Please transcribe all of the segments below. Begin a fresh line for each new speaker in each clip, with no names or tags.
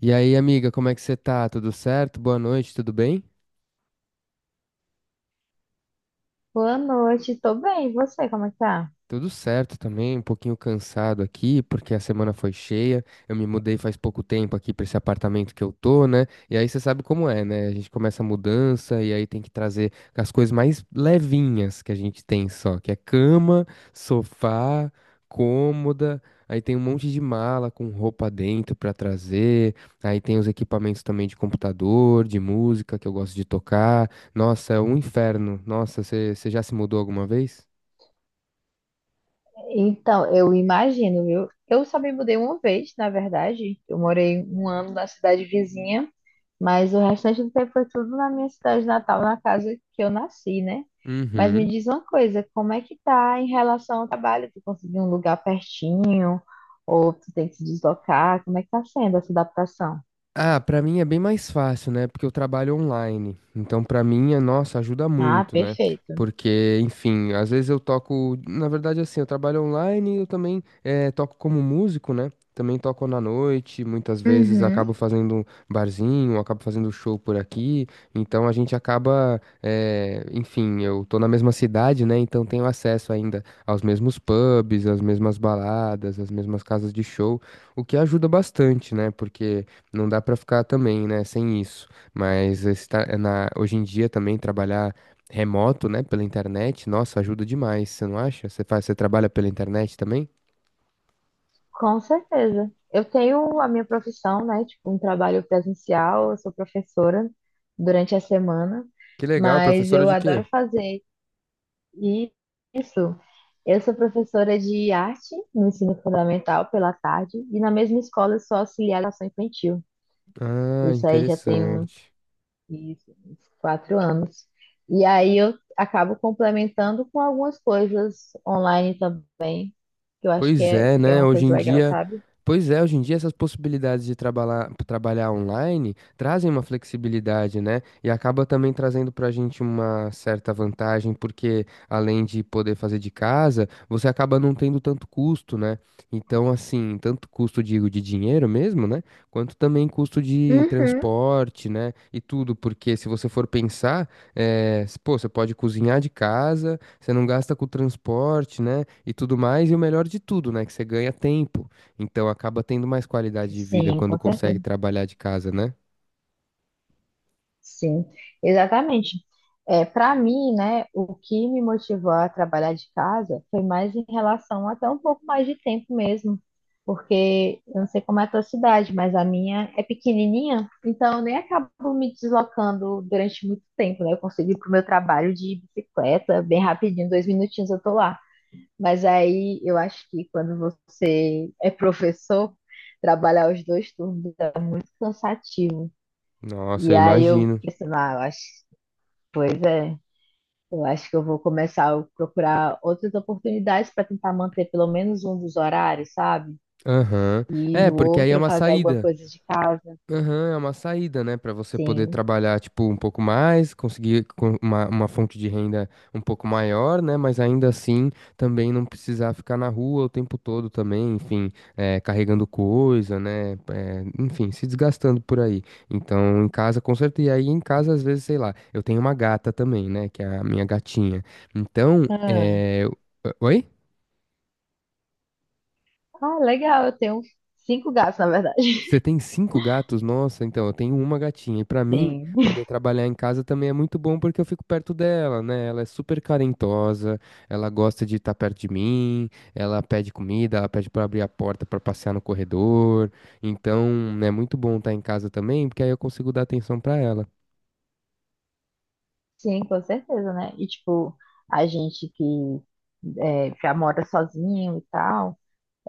E aí, amiga, como é que você tá? Tudo certo? Boa noite, tudo bem?
Boa noite, tô bem. E você, como é que tá?
Tudo certo também, um pouquinho cansado aqui, porque a semana foi cheia. Eu me mudei faz pouco tempo aqui para esse apartamento que eu tô, né? E aí você sabe como é, né? A gente começa a mudança e aí tem que trazer as coisas mais levinhas que a gente tem só, que é cama, sofá, cômoda. Aí tem um monte de mala com roupa dentro para trazer. Aí tem os equipamentos também de computador, de música que eu gosto de tocar. Nossa, é um inferno. Nossa, você já se mudou alguma vez?
Então, eu imagino, viu? Eu só me mudei uma vez, na verdade. Eu morei um ano na cidade vizinha, mas o restante do tempo foi tudo na minha cidade natal, na casa que eu nasci, né? Mas me
Uhum.
diz uma coisa, como é que tá em relação ao trabalho? Tu conseguiu um lugar pertinho? Ou tu tem que se deslocar? Como é que tá sendo essa adaptação?
Ah, pra mim é bem mais fácil, né? Porque eu trabalho online. Então, pra mim, é, nossa, ajuda
Ah,
muito, né?
perfeito.
Porque, enfim, às vezes eu toco. Na verdade, assim, eu trabalho online e eu também toco como músico, né? Também toco na noite, muitas vezes
Uhum.
acabo fazendo um barzinho, acabo fazendo show por aqui. Então a gente acaba, enfim, eu tô na mesma cidade, né? Então tenho acesso ainda aos mesmos pubs, às mesmas baladas, às mesmas casas de show, o que ajuda bastante, né? Porque não dá pra ficar também, né, sem isso. Mas é na, hoje em dia também trabalhar remoto, né, pela internet, nossa, ajuda demais, você não acha? Você trabalha pela internet também?
Com certeza. Eu tenho a minha profissão, né? Tipo, um trabalho presencial, eu sou professora durante a semana,
Que legal,
mas
professora
eu
de quê?
adoro fazer isso. Eu sou professora de arte no ensino fundamental pela tarde, e na mesma escola eu sou auxiliar de ação infantil.
Ah,
Isso aí já tem uns,
interessante.
isso, uns quatro anos. E aí eu acabo complementando com algumas coisas online também, que eu acho que
Pois
é, que
é,
é
né?
uma
Hoje
coisa
em
legal,
dia,
sabe?
pois é, hoje em dia essas possibilidades de trabalhar, trabalhar online trazem uma flexibilidade, né? E acaba também trazendo pra gente uma certa vantagem, porque além de poder fazer de casa, você acaba não tendo tanto custo, né? Então, assim, tanto custo, digo, de dinheiro mesmo, né? Quanto também custo de
Uhum.
transporte, né? E tudo, porque se você for pensar, pô, você pode cozinhar de casa. Você não gasta com transporte, né? E tudo mais. E o melhor de tudo, né? Que você ganha tempo. Então acaba tendo mais qualidade de vida
Sim,
quando
com
consegue
certeza.
trabalhar de casa, né?
Sim, exatamente. É, para mim, né, o que me motivou a trabalhar de casa foi mais em relação até um pouco mais de tempo mesmo, porque eu não sei como é a tua cidade, mas a minha é pequenininha, então eu nem acabo me deslocando durante muito tempo, né? Eu consigo ir para o meu trabalho de bicicleta, bem rapidinho, dois minutinhos eu tô lá. Mas aí eu acho que quando você é professor, trabalhar os dois turnos é muito cansativo.
Nossa,
E
eu
aí eu
imagino.
pensando, ah, eu acho, pois é, eu acho que eu vou começar a procurar outras oportunidades para tentar manter pelo menos um dos horários, sabe?
Aham.
E
É,
no
porque aí é
outro
uma
fazer alguma
saída.
coisa de casa.
Aham, é uma saída, né, pra você poder
Sim.
trabalhar, tipo, um pouco mais, conseguir uma fonte de renda um pouco maior, né, mas ainda assim também não precisar ficar na rua o tempo todo também, enfim, é, carregando coisa, né, é, enfim, se desgastando por aí. Então, em casa, com certeza, e aí em casa, às vezes, sei lá, eu tenho uma gata também, né, que é a minha gatinha. Então,
Ah,
é... Oi?
ah, legal, eu tenho cinco gatos, na verdade.
Você tem cinco gatos? Nossa, então, eu tenho uma gatinha. E pra mim,
Sim.
poder trabalhar em casa também é muito bom porque eu fico perto dela, né? Ela é super carentosa, ela gosta de estar perto de mim, ela pede comida, ela pede pra abrir a porta pra passear no corredor. Então, é muito bom estar em casa também, porque aí eu consigo dar atenção pra ela.
Sim, com certeza, né? E tipo, a gente que é, já mora sozinho e tal,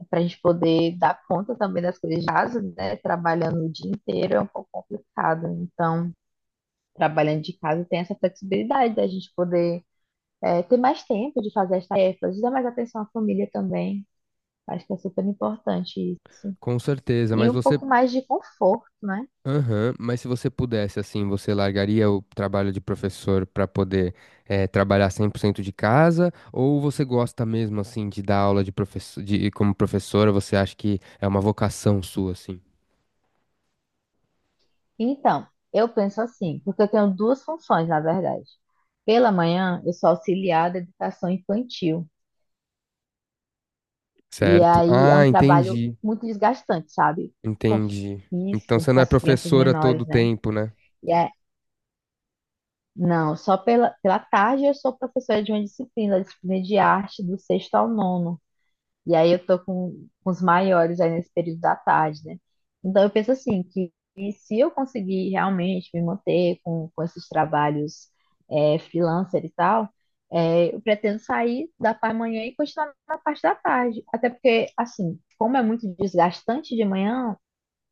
para a gente poder dar conta também das coisas de casa, né? Trabalhando o dia inteiro é um pouco complicado. Então, trabalhando de casa, tem essa flexibilidade da gente poder ter mais tempo de fazer as tarefas, dar mais atenção à família também. Acho que é super importante isso.
Com certeza,
E
mas
um
você
pouco mais de conforto, né?
aham, mas se você pudesse, assim, você largaria o trabalho de professor para poder trabalhar 100% de casa? Ou você gosta mesmo, assim, de dar aula de professor, de, como professora? Você acha que é uma vocação sua, assim?
Então, eu penso assim, porque eu tenho duas funções, na verdade. Pela manhã, eu sou auxiliar da educação infantil. E
Certo?
aí é
Ah,
um trabalho
entendi,
muito desgastante, sabe? Com
entendi. Então
isso,
você
com
não é
as crianças
professora todo o
menores, né?
tempo, né?
Não, só pela, pela tarde eu sou professora de uma disciplina, disciplina de arte do sexto ao nono. E aí eu tô com os maiores aí nesse período da tarde, né? Então eu penso assim, que se eu conseguir realmente me manter com esses trabalhos freelancer e tal, eu pretendo sair da parte da manhã e continuar na parte da tarde. Até porque, assim, como é muito desgastante de manhã,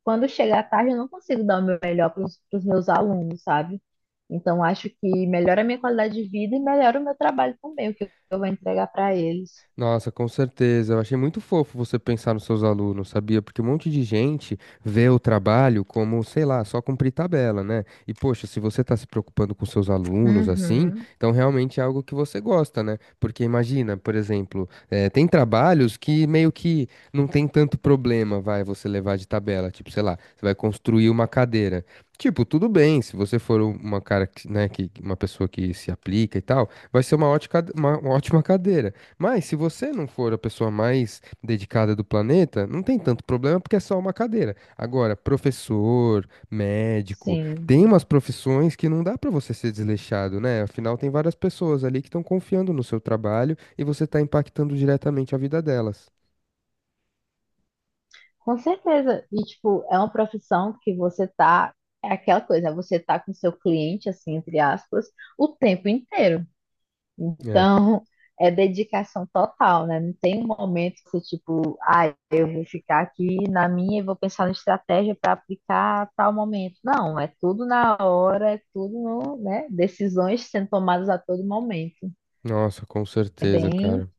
quando chega à tarde, eu não consigo dar o meu melhor para os meus alunos, sabe? Então, acho que melhora a minha qualidade de vida e melhora o meu trabalho também, o que eu vou entregar para eles.
Nossa, com certeza. Eu achei muito fofo você pensar nos seus alunos, sabia? Porque um monte de gente vê o trabalho como, sei lá, só cumprir tabela, né? E, poxa, se você tá se preocupando com seus alunos assim,
Uhum,
então realmente é algo que você gosta, né? Porque imagina, por exemplo, tem trabalhos que meio que não tem tanto problema, vai, você levar de tabela. Tipo, sei lá, você vai construir uma cadeira. Tipo, tudo bem, se você for uma cara, que, né, que uma pessoa que se aplica e tal, vai ser uma ótima cadeira. Mas se você não for a pessoa mais dedicada do planeta, não tem tanto problema porque é só uma cadeira. Agora, professor, médico,
sim,
tem umas profissões que não dá pra você ser desleixado, né? Afinal, tem várias pessoas ali que estão confiando no seu trabalho e você tá impactando diretamente a vida delas.
com certeza. E, tipo, é uma profissão que você tá, é aquela coisa, você tá com seu cliente, assim, entre aspas, o tempo inteiro.
É,
Então, é dedicação total, né? Não tem um momento que, tipo, ah, eu vou ficar aqui na minha e vou pensar na estratégia para aplicar tal momento. Não, é tudo na hora, é tudo no, né? Decisões sendo tomadas a todo momento.
nossa, com
É
certeza,
bem,
cara.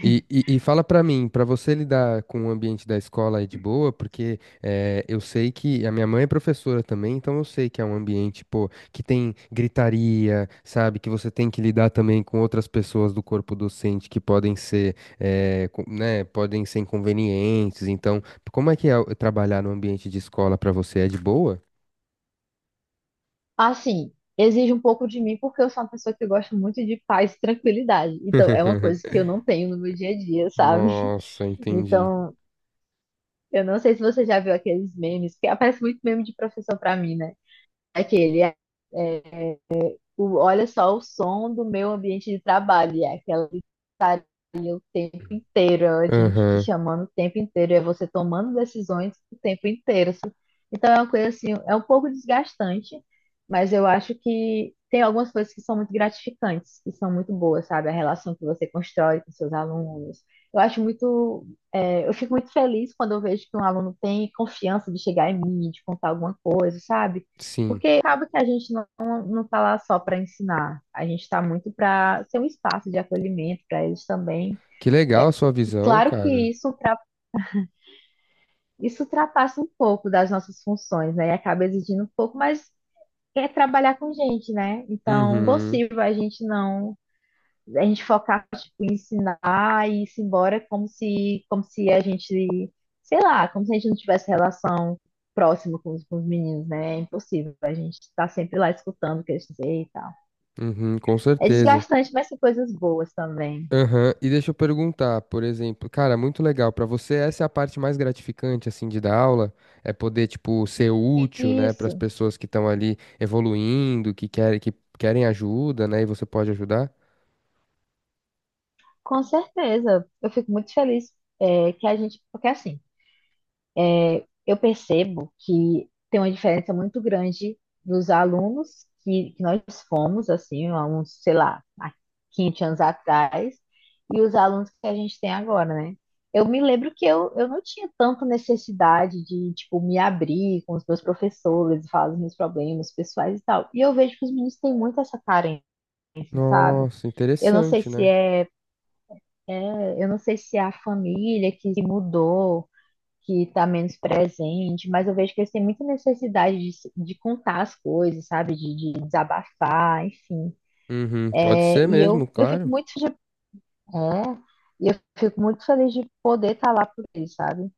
E fala pra mim, pra você lidar com o ambiente da escola aí de boa, porque eu sei que a minha mãe é professora também, então eu sei que é um ambiente, pô, que tem gritaria, sabe? Que você tem que lidar também com outras pessoas do corpo docente que podem ser, né, podem ser inconvenientes. Então, como é que é trabalhar no ambiente de escola pra você? É de boa?
assim, exige um pouco de mim porque eu sou uma pessoa que gosta muito de paz e tranquilidade. Então, é uma
Uhum.
coisa que eu não tenho no meu dia a dia, sabe?
Nossa, entendi.
Então, eu não sei se você já viu aqueles memes, que aparece muito meme de professor para mim, né? É aquele, é, é, o, olha só o som do meu ambiente de trabalho, e é aquela gritaria o tempo inteiro, a gente te
Aham,
chamando o tempo inteiro, é você tomando decisões o tempo inteiro, sabe? Então é uma coisa assim, é um pouco desgastante, mas eu acho que tem algumas coisas que são muito gratificantes, que são muito boas, sabe? A relação que você constrói com seus alunos. Eu acho muito, eu fico muito feliz quando eu vejo que um aluno tem confiança de chegar em mim, de contar alguma coisa, sabe?
sim.
Porque acaba que a gente não, não está lá só para ensinar, a gente está muito para ser um espaço de acolhimento para eles também.
Que legal a
É,
sua visão,
claro que
cara.
isso ultrapassa um pouco das nossas funções, né? E acaba exigindo um pouco, mas é trabalhar com gente, né? Então,
Uhum.
possível a gente não, a gente focar, tipo, em ensinar e ir -se embora como se a gente, sei lá, como se a gente não tivesse relação próxima com os meninos, né? É impossível, a gente está sempre lá escutando o que eles dizem e tal.
Uhum, com
É
certeza.
desgastante, mas tem coisas boas também.
Aham, e deixa eu perguntar, por exemplo, cara, muito legal. Pra você, essa é a parte mais gratificante, assim, de dar aula? É poder, tipo, ser útil, né, para as
Isso,
pessoas que estão ali evoluindo, que querem ajuda, né, e você pode ajudar?
com certeza. Eu fico muito feliz é, que a gente. Porque assim, eu percebo que tem uma diferença muito grande dos alunos que nós fomos, assim, há uns, sei lá, há 15 anos atrás, e os alunos que a gente tem agora, né? Eu me lembro que eu não tinha tanta necessidade de, tipo, me abrir com os meus professores, falar dos meus problemas pessoais e tal. E eu vejo que os meninos têm muito essa carência, sabe?
Nossa,
Eu não sei
interessante,
se
né?
é, eu não sei se é a família que se mudou, que está menos presente, mas eu vejo que eles têm muita necessidade de, se- de contar as coisas, sabe? De desabafar, enfim.
Uhum, pode ser mesmo,
Eu fico
claro.
muito é, feliz de poder estar lá por eles, sabe?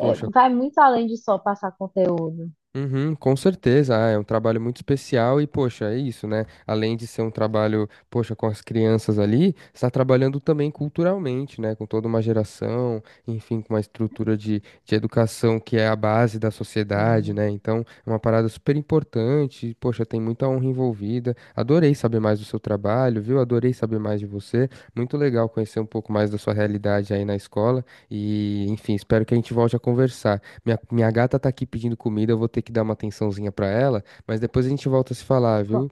É,
Poxa,
vai muito além de só passar conteúdo.
uhum, com certeza, ah, é um trabalho muito especial e, poxa, é isso, né? Além de ser um trabalho, poxa, com as crianças ali, está trabalhando também culturalmente, né? Com toda uma geração, enfim, com uma estrutura de educação que é a base da sociedade,
Sim.
né? Então, é uma parada super importante, e, poxa, tem muita honra envolvida. Adorei saber mais do seu trabalho, viu? Adorei saber mais de você. Muito legal conhecer um pouco mais da sua realidade aí na escola e, enfim, espero que a gente volte a conversar. Minha gata tá aqui pedindo comida, eu vou ter que dar uma atençãozinha pra ela, mas depois a gente volta a se falar,
Com,
viu?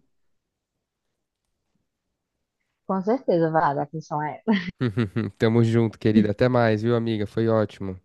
com certeza, Vada, a questão é
Tamo junto, querida. Até mais, viu, amiga? Foi ótimo.